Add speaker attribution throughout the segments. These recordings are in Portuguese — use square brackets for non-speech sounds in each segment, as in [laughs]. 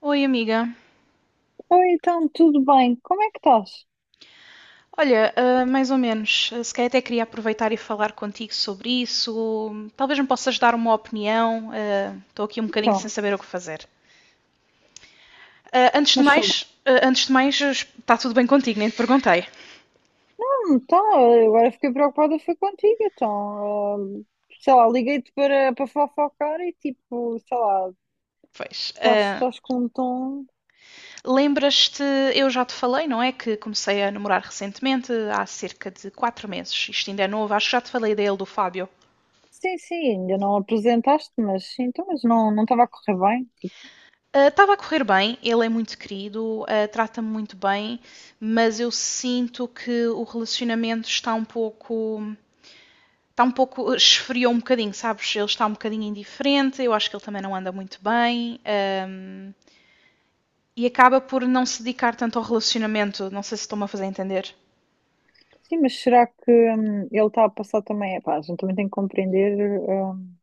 Speaker 1: Oi, amiga.
Speaker 2: Oi, então, tudo bem? Como é que estás?
Speaker 1: Olha, mais ou menos. Se calhar até queria aproveitar e falar contigo sobre isso. Talvez me possas dar uma opinião. Estou aqui um bocadinho
Speaker 2: Então,
Speaker 1: sem saber o que fazer.
Speaker 2: mas sou.
Speaker 1: Antes de mais, está tudo bem contigo? Nem te perguntei.
Speaker 2: Hum, Então, Agora fiquei preocupada, foi contigo, então. Sei lá, liguei-te para fofocar e tipo, sei lá,
Speaker 1: Pois. ah,
Speaker 2: estás com um tom.
Speaker 1: lembras-te, eu já te falei, não é? Que comecei a namorar recentemente, há cerca de 4 meses. Isto ainda é novo, acho que já te falei dele, do Fábio.
Speaker 2: Sim, sim, ainda não apresentaste, mas sim, então, mas não estava a correr bem. Tipo,
Speaker 1: Estava a correr bem, ele é muito querido, trata-me muito bem, mas eu sinto que o relacionamento está um pouco. Está um pouco. Esfriou um bocadinho, sabes? Ele está um bocadinho indiferente, eu acho que ele também não anda muito bem. E acaba por não se dedicar tanto ao relacionamento, não sei se estou-me a fazer entender.
Speaker 2: sim, mas será que ele está a passar também? Epá, a gente também tem que compreender.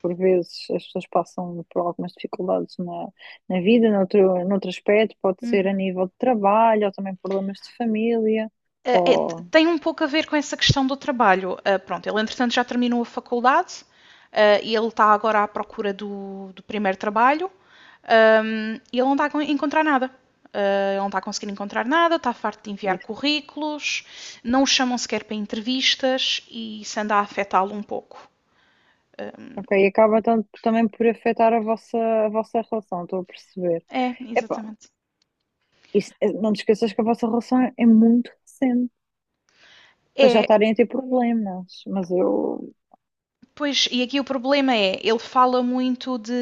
Speaker 2: Por vezes as pessoas passam por algumas dificuldades na vida, noutro aspecto, pode ser a
Speaker 1: Uhum.
Speaker 2: nível de trabalho, ou também problemas de família,
Speaker 1: Eh, eh,
Speaker 2: ou
Speaker 1: Tem um pouco a ver com essa questão do trabalho. Pronto, ele entretanto já terminou a faculdade, e ele está agora à procura do, do primeiro trabalho. E ele não está a encontrar nada. Ele não está a conseguir encontrar nada, está farto de enviar
Speaker 2: isso.
Speaker 1: currículos, não o chamam sequer para entrevistas e isso anda a afetá-lo um pouco. Um,
Speaker 2: Ok, e acaba também por afetar a a vossa relação, estou a perceber.
Speaker 1: É,
Speaker 2: Epá,
Speaker 1: exatamente.
Speaker 2: isso, não te esqueças que a vossa relação é muito recente, para já
Speaker 1: É,
Speaker 2: estarem a ter problemas, mas eu,
Speaker 1: pois, e aqui o problema é, ele fala muito de.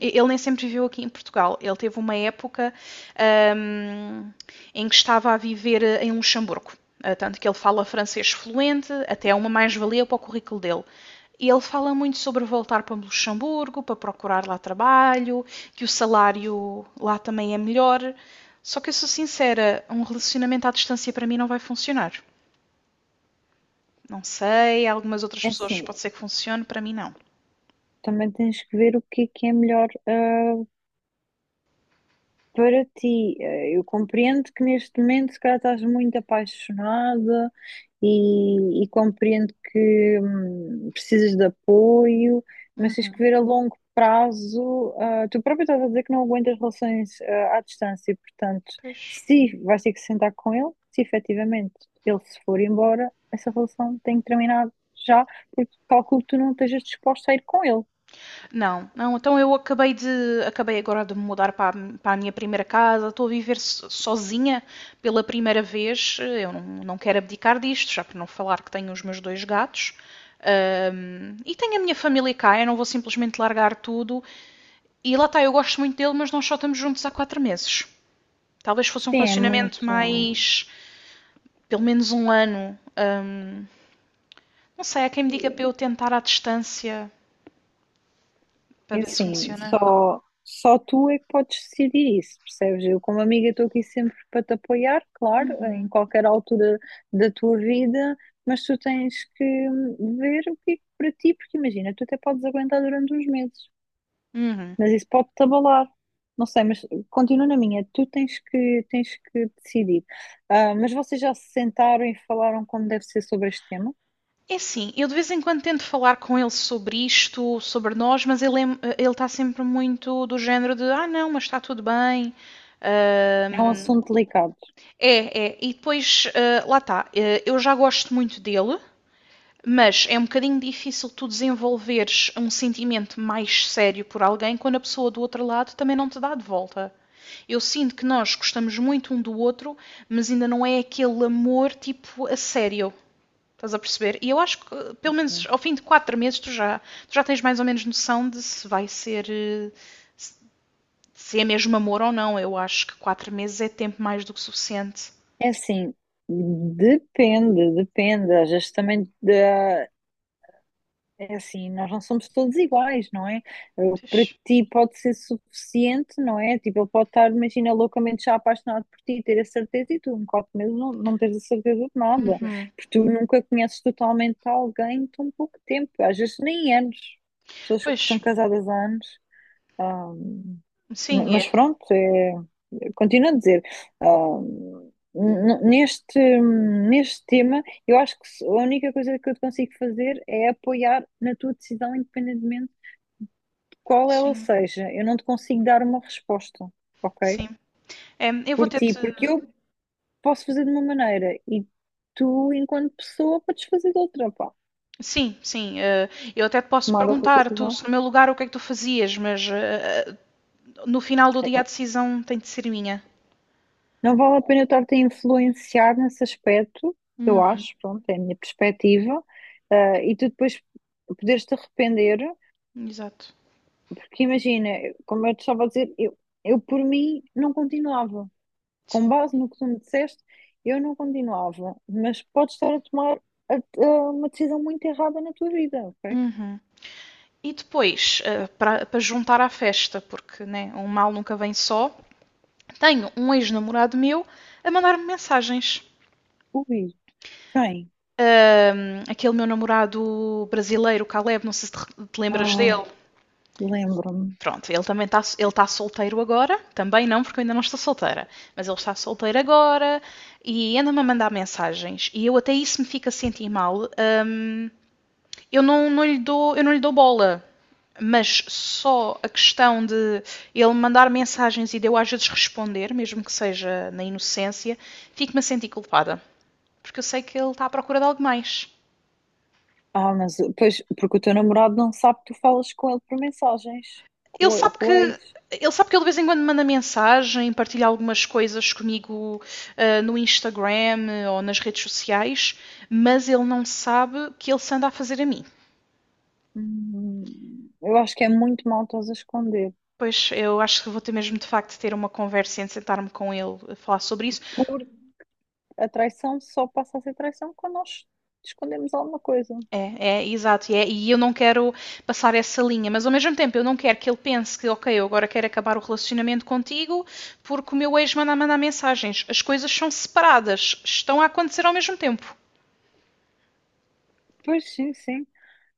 Speaker 1: Ele nem sempre viveu aqui em Portugal. Ele teve uma época hum, em que estava a viver em Luxemburgo. Tanto que ele fala francês fluente, até é uma mais-valia para o currículo dele. E ele fala muito sobre voltar para Luxemburgo, para procurar lá trabalho, que o salário lá também é melhor. Só que eu sou sincera, um relacionamento à distância para mim não vai funcionar. Não sei, algumas outras
Speaker 2: é
Speaker 1: pessoas
Speaker 2: assim,
Speaker 1: pode ser que funcione, para mim não.
Speaker 2: também tens que ver o que é melhor para ti, eu compreendo que neste momento, se calhar, estás muito apaixonada e compreendo que precisas de apoio, mas tens que
Speaker 1: Uhum.
Speaker 2: ver a longo prazo. Tu próprio estás a dizer que não aguentas relações à distância, e, portanto,
Speaker 1: Pois.
Speaker 2: se vais ter que sentar com ele, se efetivamente ele se for embora, essa relação tem que terminar já, porque calculo que tu não estejas disposta a ir com ele.
Speaker 1: Não, não, então eu acabei de acabei agora de me mudar para a, para a minha primeira casa, estou a viver sozinha pela primeira vez. Eu não, não quero abdicar disto, já por não falar que tenho os meus dois gatos. E tenho a minha família cá, eu não vou simplesmente largar tudo. E lá está, eu gosto muito dele, mas nós só estamos juntos há 4 meses. Talvez fosse um
Speaker 2: Sim, é
Speaker 1: relacionamento
Speaker 2: muito.
Speaker 1: mais, pelo menos um ano. Não sei, há quem me diga para eu tentar à distância para
Speaker 2: E
Speaker 1: ver se
Speaker 2: assim,
Speaker 1: funciona.
Speaker 2: só tu é que podes decidir isso, percebes? Eu, como amiga, estou aqui sempre para te apoiar, claro, em qualquer altura da tua vida, mas tu tens que ver o que é que para ti, porque imagina, tu até podes aguentar durante uns meses,
Speaker 1: Uhum.
Speaker 2: mas isso pode-te abalar. Não sei, mas continua na minha, tu tens tens que decidir. Ah, mas vocês já se sentaram e falaram como deve ser sobre este tema?
Speaker 1: É assim, eu de vez em quando tento falar com ele sobre isto, sobre nós, mas ele, ele está sempre muito do género de ah não, mas está tudo bem.
Speaker 2: É um
Speaker 1: Ahm,
Speaker 2: assunto delicado.
Speaker 1: É, é, e depois lá está, eu já gosto muito dele, mas é um bocadinho difícil tu desenvolveres um sentimento mais sério por alguém quando a pessoa do outro lado também não te dá de volta. Eu sinto que nós gostamos muito um do outro, mas ainda não é aquele amor tipo a sério. Estás a perceber? E eu acho que, pelo menos ao fim de 4 meses, tu já tens mais ou menos noção de se vai ser. Se- É mesmo amor ou não. Eu acho que 4 meses é tempo mais do que suficiente.
Speaker 2: É assim, depende, depende. Às vezes também da- é assim, nós não somos todos iguais, não é? O que para
Speaker 1: Pois.
Speaker 2: ti pode ser suficiente, não é? Tipo, ele pode estar, imagina, loucamente já apaixonado por ti, ter a certeza e tu, um copo mesmo, não tens a certeza de nada. Porque tu nunca conheces totalmente alguém em tão pouco tempo, às vezes nem anos. Pessoas que
Speaker 1: Pois,
Speaker 2: estão casadas há anos. Ah,
Speaker 1: sim, é.
Speaker 2: mas pronto, é, continuo a dizer, ah, n- neste, neste tema, eu acho que a única coisa que eu te consigo fazer é apoiar na tua decisão, independentemente de qual ela
Speaker 1: Sim,
Speaker 2: seja. Eu não te consigo dar uma resposta, ok?
Speaker 1: sim. É, eu vou
Speaker 2: Por ti,
Speaker 1: ter-te.
Speaker 2: porque eu posso fazer de uma maneira e tu, enquanto pessoa, podes fazer de outra, pá,
Speaker 1: Sim, sim. Eu até te posso
Speaker 2: tomar outra
Speaker 1: perguntar, tu,
Speaker 2: decisão.
Speaker 1: se no meu lugar, o que é que tu fazias, mas no final do dia a decisão tem de ser minha.
Speaker 2: Não vale a pena eu estar-te a influenciar nesse aspecto, eu
Speaker 1: Uhum.
Speaker 2: acho, pronto, é a minha perspectiva, e tu depois poderes-te arrepender,
Speaker 1: Exato.
Speaker 2: porque imagina, como eu te estava a dizer, eu por mim não continuava.
Speaker 1: Sim.
Speaker 2: Com base no que tu me disseste, eu não continuava, mas podes estar a tomar a- a uma decisão muito errada na tua vida, ok?
Speaker 1: Uhum. E depois, para juntar à festa, porque né, um mal nunca vem só, tenho um ex-namorado meu a mandar-me mensagens.
Speaker 2: Ui, quem?
Speaker 1: Aquele meu namorado brasileiro, Caleb, não sei se te lembras
Speaker 2: Ai,
Speaker 1: dele.
Speaker 2: lembro-me.
Speaker 1: Pronto, ele também está, ele tá solteiro agora. Também não, porque eu ainda não estou solteira. Mas ele está solteiro agora e anda-me a mandar mensagens. E eu até isso me fica a sentir mal. Eu não lhe dou bola. Mas só a questão de ele mandar mensagens e de eu às vezes responder, mesmo que seja na inocência, fico-me a sentir culpada. Porque eu sei que ele está à procura de algo mais.
Speaker 2: Ah, mas pois, porque o teu namorado não sabe que tu falas com ele por mensagens, com o ex.
Speaker 1: Ele sabe que ele de vez em quando manda mensagem, partilha algumas coisas comigo no Instagram ou nas redes sociais, mas ele não sabe que ele se anda a fazer a mim.
Speaker 2: Eu acho que é muito mal estás a esconder.
Speaker 1: Pois eu acho que vou ter mesmo de facto de ter uma conversa e sentar-me com ele a falar sobre isso.
Speaker 2: Por a traição só passa a ser traição quando nós escondemos alguma coisa.
Speaker 1: É, é, exato. E, e eu não quero passar essa linha, mas ao mesmo tempo eu não quero que ele pense que, ok, eu agora quero acabar o relacionamento contigo porque o meu ex mandar mensagens. As coisas são separadas, estão a acontecer ao mesmo tempo.
Speaker 2: Pois sim, sim.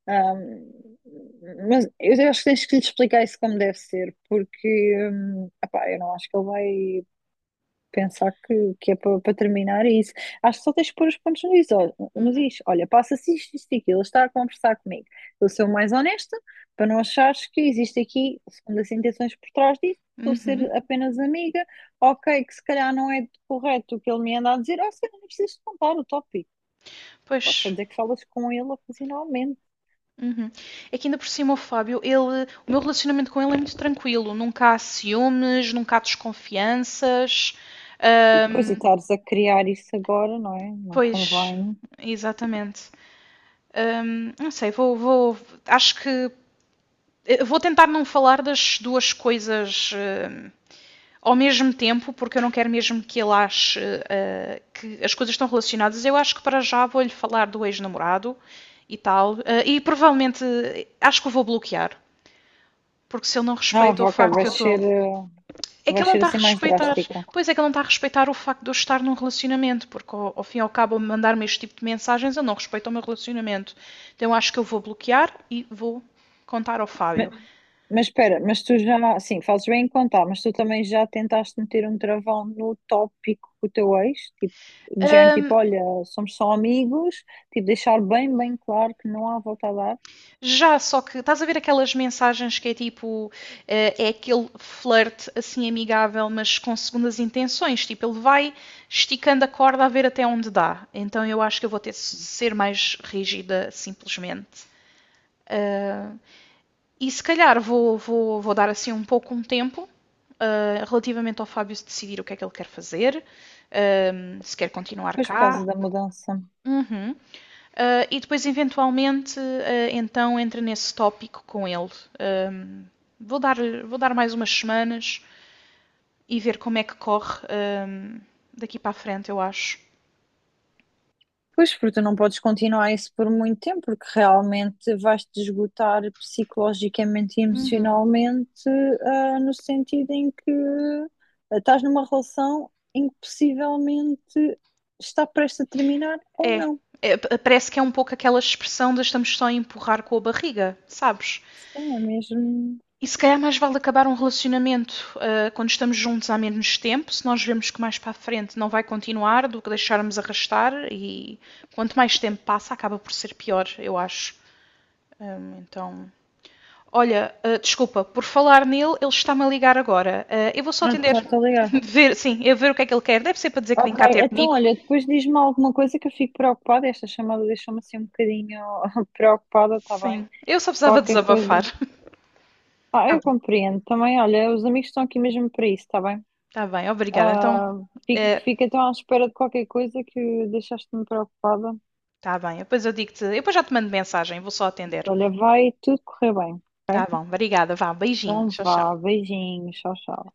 Speaker 2: Hum, mas eu acho que tens que lhe explicar isso como deve ser, porque epá, eu não acho que ele vai pensar que é para terminar é isso. Acho que só tens de pôr os pontos nos is. Olha, nos
Speaker 1: Uhum.
Speaker 2: is. Olha, passa-se isto, isto e aquilo. Ele está a conversar comigo. Eu sou mais honesta para não achares que existe aqui segundas intenções por trás disso. Estou a
Speaker 1: Uhum.
Speaker 2: ser apenas amiga. Ok, que se calhar não é correto o que ele me anda a dizer. Ou seja, não precisas contar o tópico. Podes só
Speaker 1: Pois.
Speaker 2: dizer que falas com ele ocasionalmente.
Speaker 1: Uhum. É que ainda por cima o Fábio, ele, o meu relacionamento com ele é muito tranquilo. Nunca há ciúmes, nunca há desconfianças.
Speaker 2: E depois de
Speaker 1: Ahm,
Speaker 2: estares a criar isso agora, não é? Não
Speaker 1: Pois,
Speaker 2: convém.
Speaker 1: exatamente. Não sei, vou. Acho que eu vou tentar não falar das duas coisas ao mesmo tempo, porque eu não quero mesmo que ele ache que as coisas estão relacionadas. Eu acho que para já vou-lhe falar do ex-namorado e tal. E provavelmente acho que o vou bloquear. Porque se ele não
Speaker 2: Ah,
Speaker 1: respeita o
Speaker 2: ok,
Speaker 1: facto
Speaker 2: vai
Speaker 1: que eu estou.
Speaker 2: ser,
Speaker 1: Tô... É que
Speaker 2: vai
Speaker 1: ele não
Speaker 2: ser
Speaker 1: está a
Speaker 2: assim mais
Speaker 1: respeitar.
Speaker 2: drástica.
Speaker 1: Pois é que ele não está a respeitar o facto de eu estar num relacionamento, porque ao fim e ao cabo, mandar-me este tipo de mensagens, ele não respeita o meu relacionamento. Então acho que eu vou bloquear e vou contar ao Fábio.
Speaker 2: Mas espera, mas tu já, sim, fazes bem em contar, mas tu também já tentaste meter um travão no tópico com o teu ex? Tipo, de género, tipo,
Speaker 1: Ahm,
Speaker 2: olha, somos só amigos, tipo, deixar bem claro que não há volta a dar,
Speaker 1: Já, só que estás a ver aquelas mensagens que é tipo, é aquele flerte assim amigável, mas com segundas intenções. Tipo, ele vai esticando a corda a ver até onde dá. Então eu acho que eu vou ter de ser mais rígida, simplesmente. Ah, e se calhar vou dar assim um pouco um tempo, relativamente ao Fábio decidir o que é que ele quer fazer, se quer continuar
Speaker 2: pois por
Speaker 1: cá.
Speaker 2: causa da mudança.
Speaker 1: Uhum. E depois, eventualmente, então entra nesse tópico com ele. Ahm, vou, dar, Vou dar mais umas semanas e ver como é que corre daqui para a frente, eu acho.
Speaker 2: Pois, porque tu não podes continuar isso por muito tempo, porque realmente vais-te esgotar psicologicamente e
Speaker 1: Uhum.
Speaker 2: emocionalmente, no sentido em que estás numa relação em que possivelmente está prestes a terminar ou
Speaker 1: É,
Speaker 2: não.
Speaker 1: é, parece que é um pouco aquela expressão de estamos só a empurrar com a barriga, sabes?
Speaker 2: É mesmo.
Speaker 1: E se calhar mais vale acabar um relacionamento quando estamos juntos há menos tempo, se nós vemos que mais para a frente não vai continuar do que deixarmos arrastar e quanto mais tempo passa acaba por ser pior, eu acho. Então, olha, desculpa, por falar nele, ele está-me a ligar agora. Eu vou só
Speaker 2: Ah,
Speaker 1: atender,
Speaker 2: tá, tá ligado.
Speaker 1: [laughs] ver, sim, eu ver o que é que ele quer. Deve ser para dizer que vem
Speaker 2: Ok,
Speaker 1: cá ter
Speaker 2: então
Speaker 1: comigo.
Speaker 2: olha, depois diz-me alguma coisa que eu fico preocupada. Esta chamada deixou-me assim um bocadinho [laughs] preocupada, tá bem?
Speaker 1: Sim, eu só precisava
Speaker 2: Qualquer
Speaker 1: desabafar.
Speaker 2: coisa.
Speaker 1: [laughs]
Speaker 2: Ah,
Speaker 1: Tá
Speaker 2: eu
Speaker 1: bom,
Speaker 2: compreendo também. Olha, os amigos estão aqui mesmo para isso, tá bem?
Speaker 1: tá bem, obrigada. Então,
Speaker 2: Ah,
Speaker 1: eh,
Speaker 2: fico então à espera de qualquer coisa que deixaste-me preocupada.
Speaker 1: tá bem, depois eu digo-te, eu depois já te mando mensagem, vou só atender.
Speaker 2: Olha, vai tudo correr bem,
Speaker 1: Tá
Speaker 2: ok?
Speaker 1: bom, obrigada, vá, beijinho,
Speaker 2: Então
Speaker 1: tchau, tchau.
Speaker 2: vá, beijinhos, tchau, tchau.